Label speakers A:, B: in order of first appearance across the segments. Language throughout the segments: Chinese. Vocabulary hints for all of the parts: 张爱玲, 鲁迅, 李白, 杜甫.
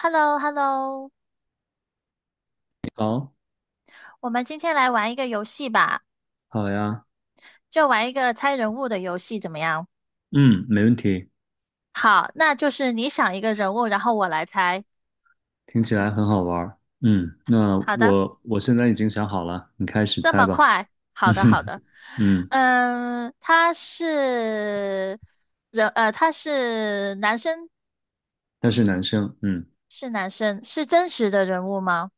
A: h e l l o h e l l o
B: 好，
A: 我们今天来玩一个游戏吧，
B: 好呀，
A: 就玩一个猜人物的游戏，怎么样？
B: 嗯，没问题，
A: 好，那就是你想一个人物，然后我来猜。
B: 听起来很好玩儿。嗯，那
A: 好的。
B: 我现在已经想好了，你开始
A: 这
B: 猜
A: 么
B: 吧。
A: 快？好
B: 嗯
A: 的，好
B: 哼，
A: 的。
B: 嗯，
A: 嗯，他是人，他是男生，
B: 他是男生，嗯，
A: 是男生，是真实的人物吗？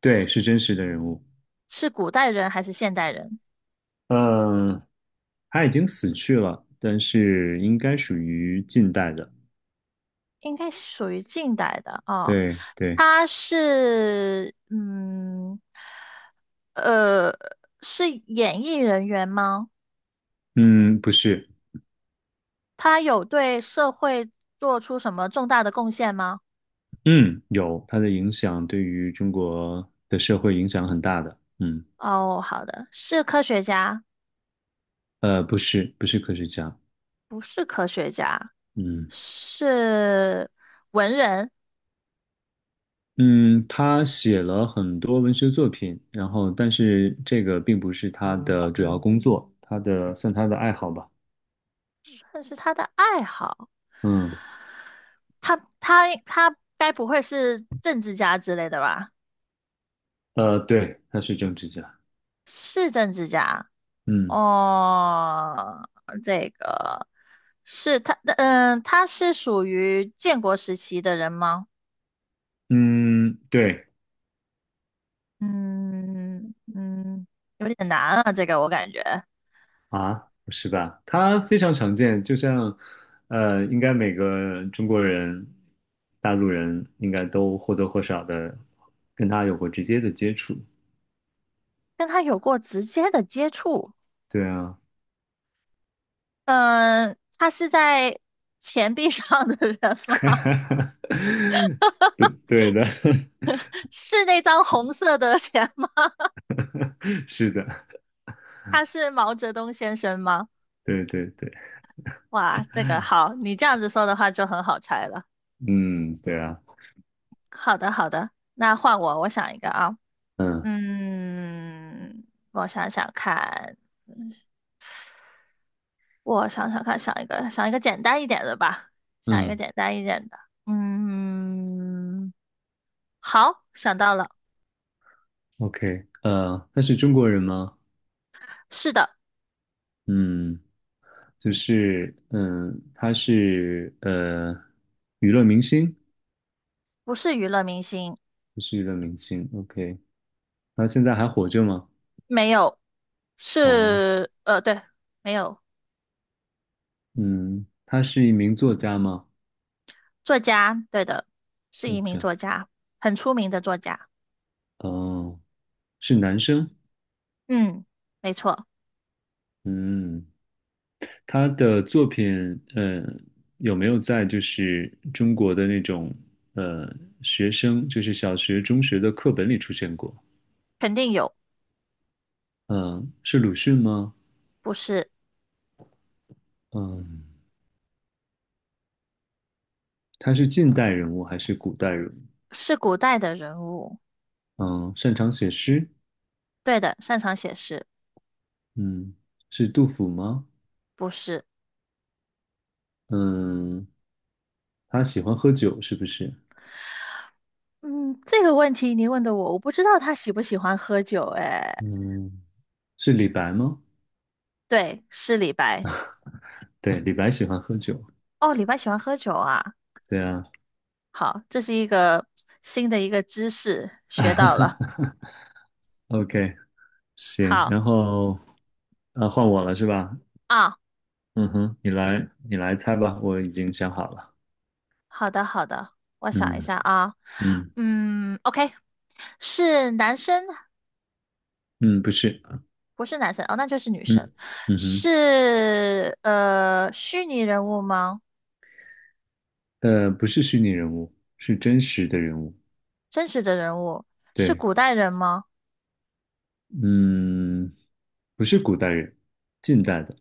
B: 对，是真实的人物。
A: 是古代人还是现代人？
B: 嗯，他已经死去了，但是应该属于近代的。
A: 应该属于近代的啊。哦，
B: 对对，
A: 他是嗯，呃，是演艺人员吗？
B: 嗯，不是，
A: 他有对社会做出什么重大的贡献吗？
B: 嗯，有，他的影响对于中国的社会影响很大的。嗯，
A: 哦，好的，是科学家，
B: 不是，不是科学家。
A: 不是科学家，
B: 嗯。
A: 是文人，
B: 嗯，他写了很多文学作品，然后但是这个并不是他的主要工作，他的算他的爱好吧。
A: 但是他的爱好，
B: 嗯，
A: 他该不会是政治家之类的吧？
B: 对，他是政治家。
A: 是政治家。
B: 嗯
A: 哦，这个是他，嗯，他是属于建国时期的人吗？
B: 嗯，对
A: 嗯嗯，有点难啊，这个我感觉
B: 啊，不是吧？他非常常见，就像应该每个中国人、大陆人应该都或多或少的跟他有过直接的接触。
A: 跟他有过直接的接触。
B: 对啊，
A: 嗯，他是在钱币上的人吗？
B: 对对的，
A: 是那张红色的钱吗？
B: 是的，
A: 他是毛泽东先生吗？
B: 对对对。
A: 哇，这个好，你这样子说的话就很好猜了。
B: 嗯，对啊，
A: 好的，好的，那换我，我想一个啊。
B: 嗯
A: 嗯，我想想看，我想想看，想一个想一个简单一点的吧，想一个
B: 嗯
A: 简单一点的。嗯，好，想到了。
B: ，OK，他是中国人吗？
A: 是的。
B: 嗯，就是嗯，他是娱乐明星，
A: 不是娱乐明星。
B: 不是娱乐明星，OK，他现在还活着吗？
A: 没有，
B: 哦，
A: 是对，没有。
B: 嗯，他是一名作家吗？
A: 作家，对的，是
B: 作
A: 一名
B: 家，
A: 作家，很出名的作家。
B: 哦，是男生，
A: 嗯，没错。
B: 嗯，他的作品，呃，有没有在就是中国的那种呃学生，就是小学、中学的课本里出现过？
A: 肯定有。
B: 嗯，是鲁迅吗？
A: 不是。
B: 嗯，他是近代人物还是古代人物？
A: 是古代的人物。
B: 嗯，擅长写诗。
A: 对的，擅长写诗。
B: 嗯，是杜甫吗？
A: 不是。
B: 嗯，他喜欢喝酒是不是？
A: 嗯，这个问题你问的我，我不知道他喜不喜欢喝酒。哎，
B: 嗯，是李白吗？
A: 对，是李白。
B: 对，李白喜欢喝酒。
A: 哦，李白喜欢喝酒啊。
B: 对啊。
A: 好，这是一个新的一个知识，学到了。
B: OK，行，
A: 好
B: 然后啊，换我了是吧？
A: 啊，
B: 嗯哼，你来，你来猜吧，我已经想好了。
A: 好的好的，我想一
B: 嗯
A: 下啊。
B: 嗯
A: 嗯，OK，是男生。
B: 嗯，不是，
A: 不是男生哦，那就是女生。
B: 嗯嗯哼，
A: 是虚拟人物吗？
B: 不是虚拟人物，是真实的人物。
A: 真实的人物？是
B: 对，
A: 古代人吗？
B: 嗯，不是古代人，近代的，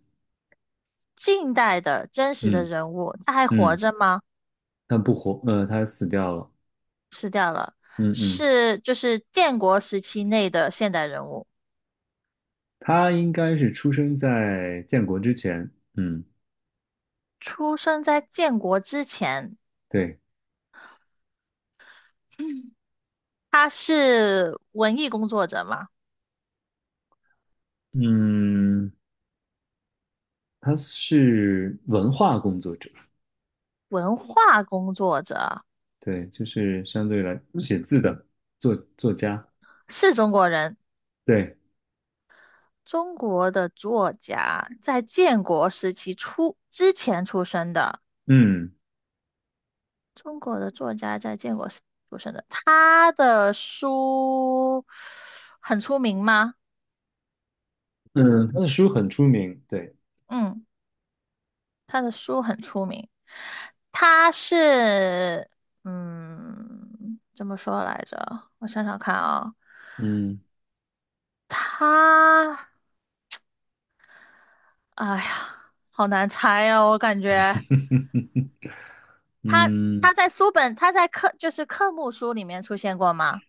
A: 近代的真实的
B: 嗯
A: 人物，他还活
B: 嗯，
A: 着吗？
B: 他不活，他死掉了，
A: 失掉了。
B: 嗯嗯，
A: 是就是建国时期内的现代人物，
B: 他应该是出生在建国之前，嗯，
A: 出生在建国之前，
B: 对，
A: 他是文艺工作者嘛，
B: 嗯，他是文化工作者，
A: 文化工作者，
B: 对，就是相对来写字的作家，
A: 是中国人，
B: 对，
A: 中国的作家，在建国时期出之前出生的，
B: 嗯
A: 中国的作家在建国时出生的，他的书很出名吗？
B: 嗯，他的书很出名，对，
A: 嗯。他的书很出名，他是嗯，怎么说来着？我想想看啊，
B: 嗯
A: 他，哎呀，好难猜哦，我感觉 他
B: 嗯。
A: 他在书本，他在课就是科目书里面出现过吗？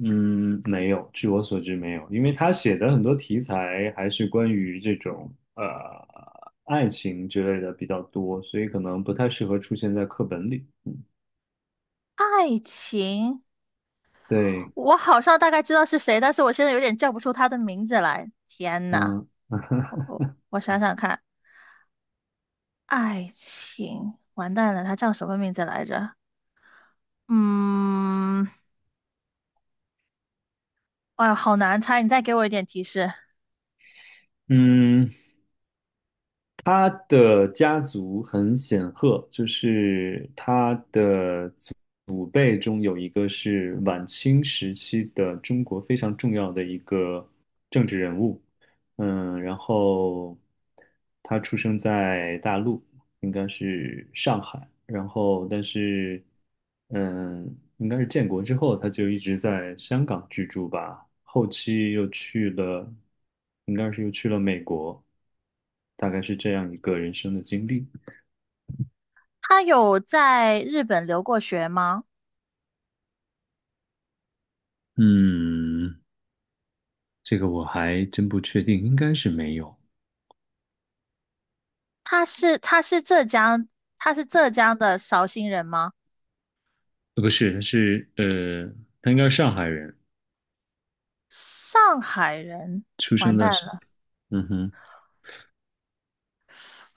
B: 嗯，没有，据我所知没有，因为他写的很多题材还是关于这种爱情之类的比较多，所以可能不太适合出现在课本里。
A: 爱情，
B: 对，
A: 我好像大概知道是谁，但是我现在有点叫不出他的名字来。天呐，
B: 嗯
A: 我想想看，爱情，完蛋了，他叫什么名字来着？嗯。哎呦好难猜，你再给我一点提示。
B: 嗯，他的家族很显赫，就是他的祖辈中有一个是晚清时期的中国非常重要的一个政治人物，嗯，然后他出生在大陆。应该是上海，然后但是，嗯，应该是建国之后，他就一直在香港居住吧，后期又去了，应该是又去了美国，大概是这样一个人生的经历。
A: 他有在日本留过学吗？
B: 嗯，这个我还真不确定，应该是没有，
A: 他是浙江，他是浙江的绍兴人吗？
B: 呃不是，他是他应该是上海人，
A: 上海人，
B: 出
A: 完
B: 生
A: 蛋
B: 的是，
A: 了，
B: 嗯哼，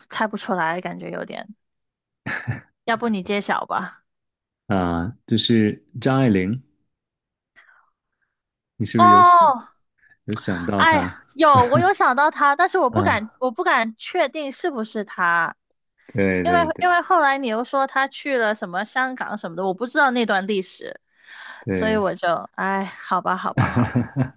A: 猜不出来，感觉有点。要不你揭晓吧？
B: 啊，就是张爱玲，你是不是有想
A: 哦，
B: 有想到
A: 哎呀，
B: 她？
A: 有，我有 想到他，但是我不敢，
B: 啊？
A: 我不敢确定是不是他，
B: 对
A: 因为
B: 对
A: 因
B: 对
A: 为后来你又说他去了什么香港什么的，我不知道那段历史，所以
B: 对，
A: 我就，哎，好吧，好吧，好吧。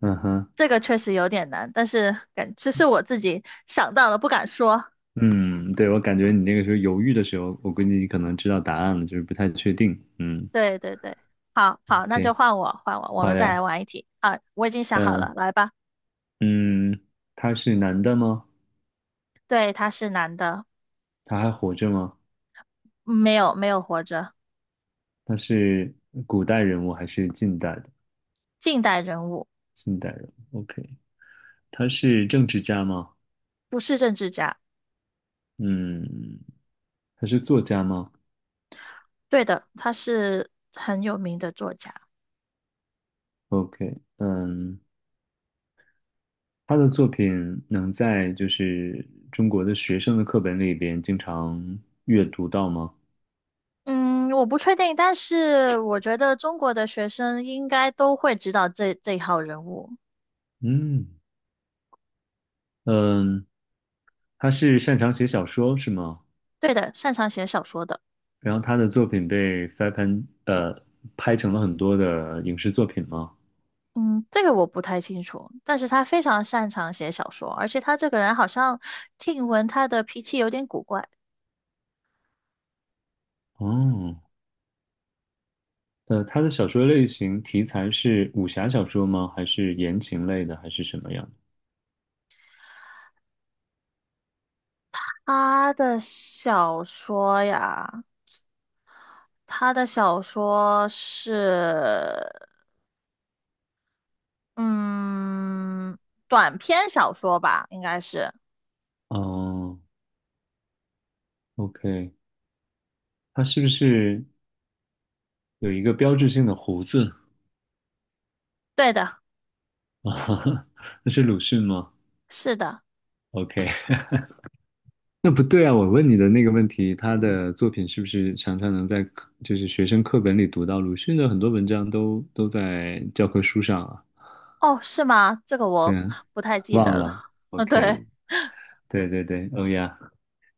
B: 嗯哼，
A: 这个确实有点难，但是感这是我自己想到了不敢说。
B: 嗯，对，我感觉你那个时候犹豫的时候，我估计你可能知道答案了，就是不太确定。嗯
A: 对对对，好好，那就
B: ，OK，
A: 换我换我，我们
B: 好
A: 再来
B: 呀，
A: 玩一题啊！我已经想好了，
B: 嗯
A: 来吧。
B: 嗯，他是男的吗？
A: 对，他是男的。
B: 他还活着吗？
A: 嗯没有没有活着。
B: 他是古代人物还是近代的？
A: 近代人物。
B: 近代人物，OK，他是政治家吗？
A: 不是政治家。
B: 嗯，他是作家吗
A: 对的，他是很有名的作家。
B: ？OK，嗯。他的作品能在就是中国的学生的课本里边经常阅读到吗？
A: 嗯，我不确定，但是我觉得中国的学生应该都会知道这这一号人物。
B: 嗯嗯，他是擅长写小说是吗？
A: 对的，擅长写小说的。
B: 然后他的作品被翻拍呃拍成了很多的影视作品吗？
A: 嗯，这个我不太清楚，但是他非常擅长写小说，而且他这个人好像听闻他的脾气有点古怪。
B: 哦，他的小说类型题材是武侠小说吗？还是言情类的，还是什么样的？
A: 他的小说呀，他的小说是，嗯，短篇小说吧，应该是。
B: 哦，OK，他是不是有一个标志性的胡子？
A: 对的，
B: 啊，那是鲁迅吗
A: 是的。
B: ？OK。那不对啊！我问你的那个问题，他的作品是不是常常能在课就是学生课本里读到？鲁迅的很多文章都在教科书上啊。
A: 哦，是吗？这个
B: 对
A: 我
B: 啊，
A: 不太记得
B: 忘了。
A: 了。嗯，
B: OK，
A: 对，
B: 嗯对对对，欧呀，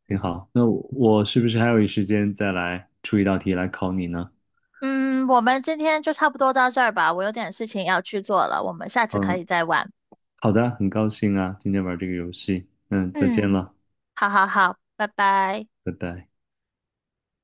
B: 挺好。那我是不是还有一时间再来出一道题来考你呢？
A: 嗯，我们今天就差不多到这儿吧，我有点事情要去做了，我们下次可
B: 嗯，
A: 以再玩。
B: 好的，很高兴啊，今天玩这个游戏。嗯，再见
A: 嗯。
B: 了，
A: 好好好，拜拜。
B: 拜拜。